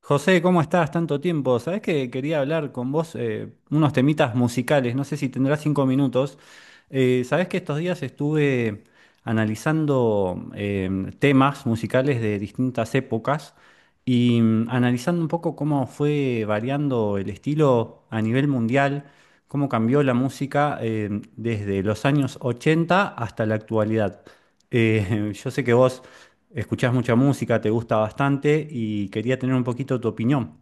José, ¿cómo estás? Tanto tiempo. Sabés que quería hablar con vos unos temitas musicales. No sé si tendrás 5 minutos. Sabés que estos días estuve analizando temas musicales de distintas épocas y analizando un poco cómo fue variando el estilo a nivel mundial, cómo cambió la música desde los años 80 hasta la actualidad. Yo sé que vos escuchás mucha música, te gusta bastante y quería tener un poquito tu opinión.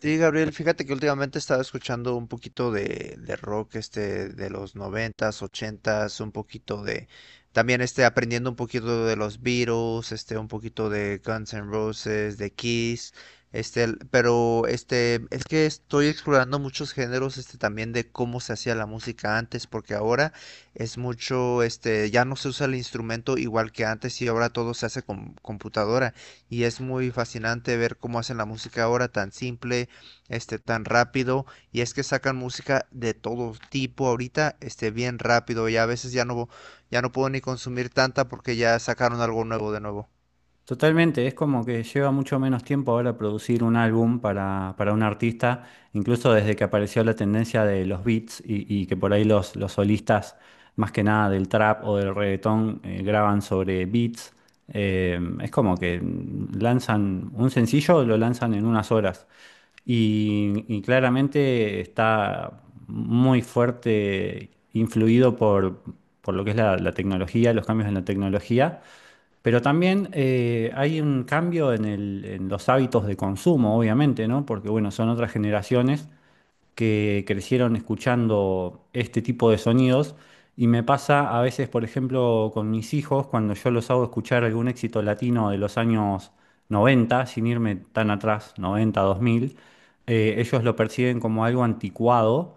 Sí, Gabriel, fíjate que últimamente he estado escuchando un poquito de rock de los noventas, ochentas, un poquito de también aprendiendo un poquito de los Beatles, un poquito de Guns N' Roses, de Kiss, pero es que estoy explorando muchos géneros también de cómo se hacía la música antes, porque ahora es mucho, ya no se usa el instrumento igual que antes y ahora todo se hace con computadora y es muy fascinante ver cómo hacen la música ahora tan simple, tan rápido. Y es que sacan música de todo tipo ahorita, bien rápido. Y a veces ya no puedo ni consumir tanta porque ya sacaron algo nuevo de nuevo. Totalmente, es como que lleva mucho menos tiempo ahora producir un álbum para un artista, incluso desde que apareció la tendencia de los beats y que por ahí los solistas, más que nada del trap o del reggaetón, graban sobre beats. Es como que lanzan un sencillo, lo lanzan en unas horas. Y claramente está muy fuerte influido por lo que es la tecnología, los cambios en la tecnología. Pero también hay un cambio en los hábitos de consumo, obviamente, ¿no? Porque, bueno, son otras generaciones que crecieron escuchando este tipo de sonidos. Y me pasa a veces, por ejemplo, con mis hijos, cuando yo los hago escuchar algún éxito latino de los años 90 sin irme tan atrás, 90, 2000, ellos lo perciben como algo anticuado.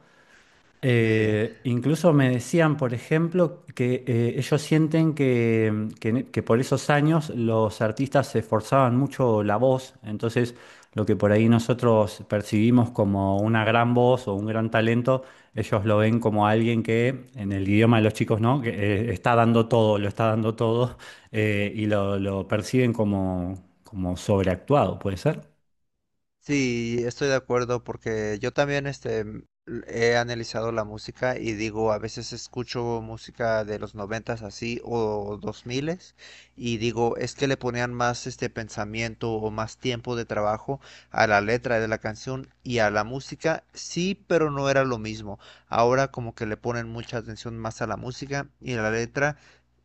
Eh, Incluso me decían, por ejemplo, que ellos sienten que por esos años los artistas se esforzaban mucho la voz, entonces lo que por ahí nosotros percibimos como una gran voz o un gran talento, ellos lo ven como alguien que, en el idioma de los chicos, ¿no? Que está dando todo, lo está dando todo, y lo perciben como, como sobreactuado, ¿puede ser? Sí, estoy de acuerdo porque yo también he analizado la música y digo, a veces escucho música de los noventas así o dos miles y digo, es que le ponían más pensamiento o más tiempo de trabajo a la letra de la canción y a la música, sí, pero no era lo mismo. Ahora como que le ponen mucha atención más a la música y a la letra,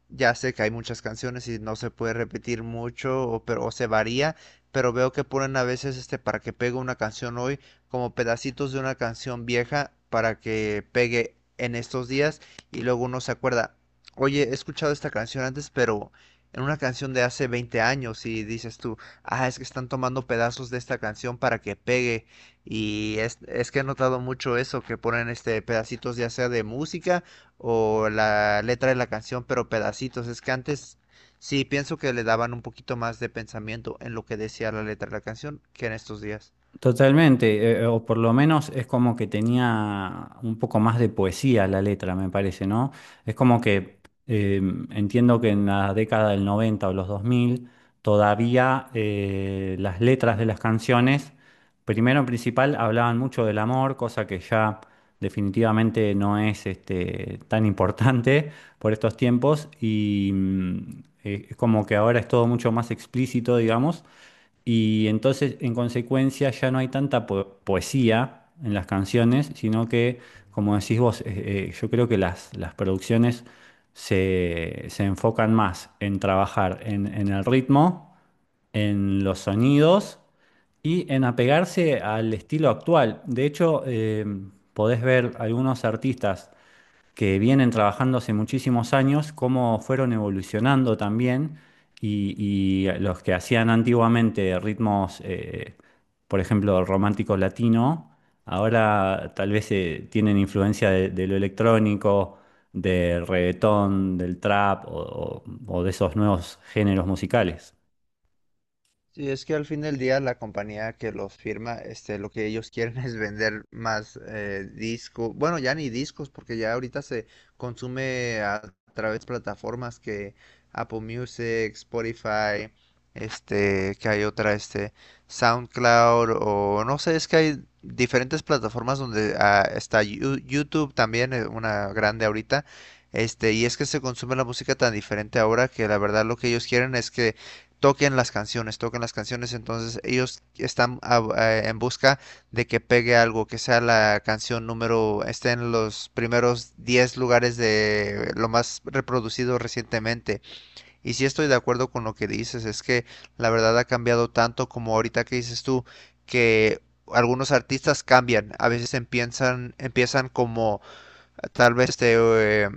ya sé que hay muchas canciones y no se puede repetir mucho, o, pero, o se varía, pero veo que ponen a veces, para que pegue una canción hoy, como pedacitos de una canción vieja para que pegue en estos días y luego uno se acuerda, oye, he escuchado esta canción antes, pero en una canción de hace 20 años y dices tú, ah, es que están tomando pedazos de esta canción para que pegue. Y es que he notado mucho eso, que ponen pedacitos ya sea de música o la letra de la canción, pero pedacitos. Es que antes sí pienso que le daban un poquito más de pensamiento en lo que decía la letra de la canción que en estos días. Totalmente, o por lo menos es como que tenía un poco más de poesía la letra, me parece, ¿no? Es como que eh, entiendo que en la década del 90 o los 2000 todavía las letras de las canciones, primero en principal, hablaban mucho del amor, cosa que ya definitivamente no es este, tan importante por estos tiempos y es como que ahora es todo mucho más explícito, digamos. Y entonces, en consecuencia, ya no hay tanta poesía en las canciones, sino que, como decís vos, yo creo que las producciones se enfocan más en trabajar en el ritmo, en los sonidos y en apegarse al estilo actual. De hecho, podés ver algunos artistas que vienen trabajando hace muchísimos años, cómo fueron evolucionando también y, y los que hacían antiguamente ritmos, por ejemplo, romántico latino, ahora tal vez tienen influencia de lo electrónico, del reggaetón, del trap o de esos nuevos géneros musicales. Sí, es que al fin del día la compañía que los firma, lo que ellos quieren es vender más discos, bueno, ya ni discos, porque ya ahorita se consume a través de plataformas que Apple Music, Spotify, que hay otra, SoundCloud, o no sé, es que hay diferentes plataformas donde ah, está YouTube también, una grande ahorita, y es que se consume la música tan diferente ahora que la verdad lo que ellos quieren es que toquen las canciones, entonces ellos están en busca de que pegue algo, que sea la canción número, esté en los primeros 10 lugares de lo más reproducido recientemente. Y sí estoy de acuerdo con lo que dices, es que la verdad ha cambiado tanto como ahorita que dices tú, que algunos artistas cambian, a veces empiezan como tal vez eh,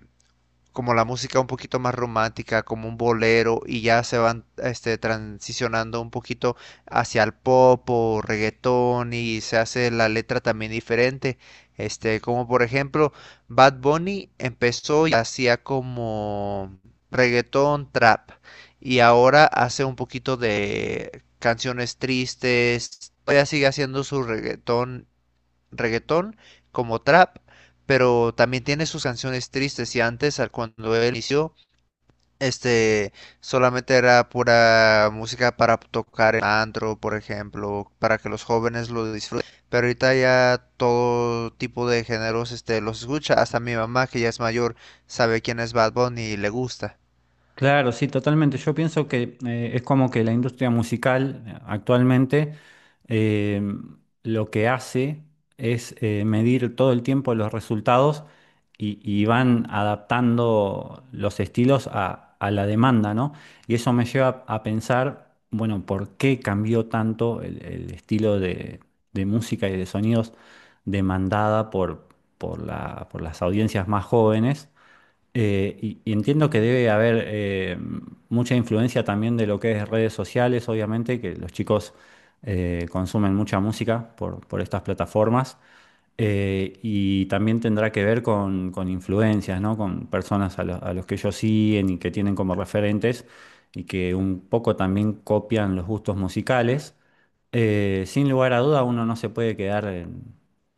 como la música un poquito más romántica, como un bolero, y ya se van, transicionando un poquito hacia el pop o reggaetón y se hace la letra también diferente. Como por ejemplo, Bad Bunny empezó y hacía como reggaetón, trap, y ahora hace un poquito de canciones tristes. Todavía sigue haciendo su reggaetón como trap, pero también tiene sus canciones tristes y antes, cuando él inició, este, solamente era pura música para tocar en antro, por ejemplo, para que los jóvenes lo disfruten. Pero ahorita ya todo tipo de géneros, los escucha. Hasta mi mamá, que ya es mayor, sabe quién es Bad Bunny y le gusta. Claro, sí, totalmente. Yo pienso que es como que la industria musical actualmente eh, lo que hace es medir todo el tiempo los resultados y van adaptando los estilos a la demanda, ¿no? Y eso me lleva a pensar, bueno, ¿por qué cambió tanto el estilo de música y de sonidos demandada por por las audiencias más jóvenes? Y entiendo que debe haber mucha influencia también de lo que es redes sociales, obviamente, que los chicos consumen mucha música por estas plataformas. Y también tendrá que ver con influencias, ¿no? Con personas a los que ellos siguen y que tienen como referentes y que un poco también copian los gustos musicales. Sin lugar a duda, uno no se puede quedar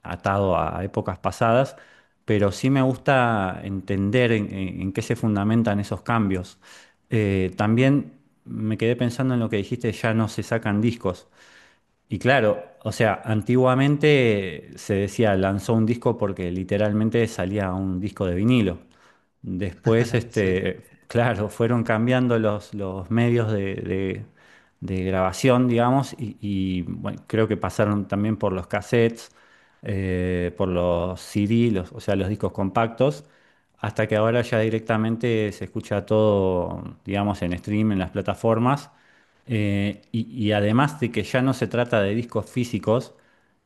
atado a épocas pasadas, pero sí me gusta entender en qué se fundamentan esos cambios. También me quedé pensando en lo que dijiste, ya no se sacan discos. Y claro, o sea, antiguamente se decía lanzó un disco porque literalmente salía un disco de vinilo. Después, Sí. este, claro, fueron cambiando los medios de grabación, digamos, bueno, creo que pasaron también por los cassettes, por los CD, o sea, los discos compactos, hasta que ahora ya directamente se escucha todo, digamos, en stream, en las plataformas. Y además de que ya no se trata de discos físicos,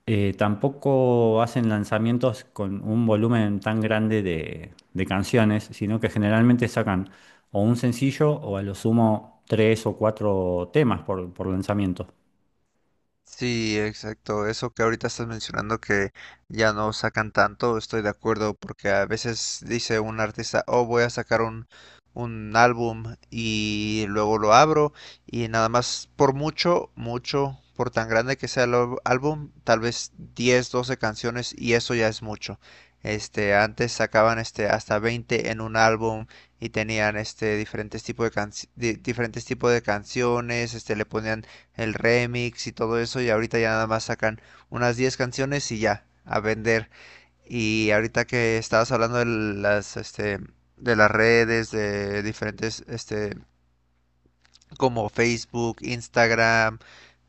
tampoco hacen lanzamientos con un volumen tan grande de canciones, sino que generalmente sacan o un sencillo o a lo sumo tres o cuatro temas por lanzamiento. Sí, exacto. Eso que ahorita estás mencionando que ya no sacan tanto, estoy de acuerdo, porque a veces dice un artista, oh, voy a sacar un álbum y luego lo abro y nada más por mucho, mucho, por tan grande que sea el álbum, tal vez 10, 12 canciones y eso ya es mucho. Antes sacaban hasta 20 en un álbum y tenían diferentes tipos de diferentes tipos de canciones, le ponían el remix y todo eso, y ahorita ya nada más sacan unas 10 canciones y ya, a vender. Y ahorita que estabas hablando de las, de las redes, de diferentes, como Facebook, Instagram,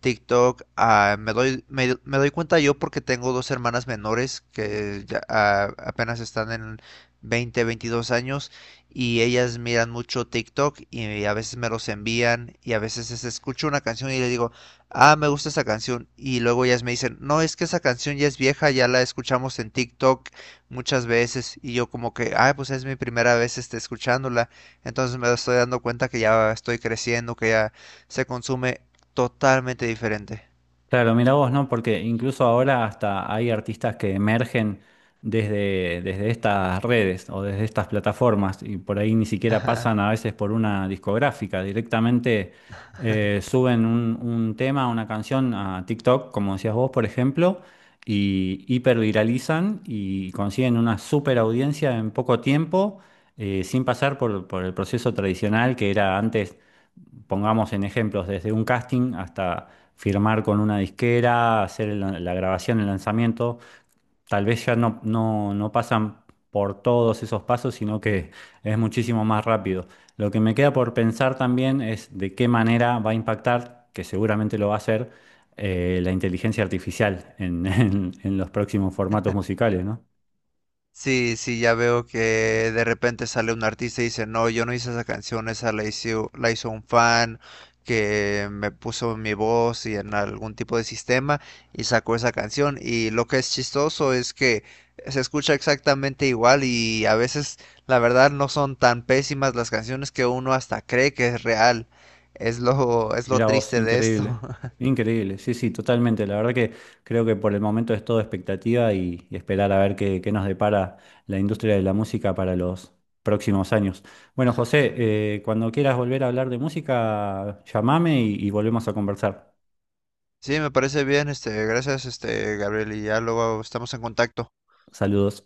TikTok, ah, me doy cuenta yo porque tengo dos hermanas menores que ya, ah, apenas están en 20, 22 años y ellas miran mucho TikTok y a veces me los envían y a veces escucho una canción y le digo, ah, me gusta esa canción y luego ellas me dicen, no, es que esa canción ya es vieja, ya la escuchamos en TikTok muchas veces y yo como que, ah, pues es mi primera vez, escuchándola, entonces me estoy dando cuenta que ya estoy creciendo, que ya se consume totalmente diferente. Claro, mira vos, ¿no? Porque incluso ahora hasta hay artistas que emergen desde estas redes o desde estas plataformas y por ahí ni siquiera pasan a veces por una discográfica, directamente suben un tema, una canción a TikTok, como decías vos, por ejemplo, y hiperviralizan y consiguen una super audiencia en poco tiempo, sin pasar por el proceso tradicional que era antes, pongamos en ejemplos, desde un casting hasta firmar con una disquera, hacer la grabación, el lanzamiento, tal vez ya no pasan por todos esos pasos, sino que es muchísimo más rápido. Lo que me queda por pensar también es de qué manera va a impactar, que seguramente lo va a hacer, la inteligencia artificial en, en los próximos formatos musicales, ¿no? Sí, sí, ya veo que de repente sale un artista y dice, no, yo no hice esa canción, esa la hizo un fan que me puso mi voz y en algún tipo de sistema y sacó esa canción. Y lo que es chistoso es que se escucha exactamente igual y a veces la verdad no son tan pésimas las canciones que uno hasta cree que es real. Es lo Mirá vos, triste de esto. increíble, increíble, sí, sí, totalmente. La verdad que creo que por el momento es todo expectativa y esperar a ver qué nos depara la industria de la música para los próximos años. Bueno, José, cuando quieras volver a hablar de música, llamame y volvemos a conversar. Sí, me parece bien, gracias, Gabriel, y ya luego estamos en contacto. Saludos.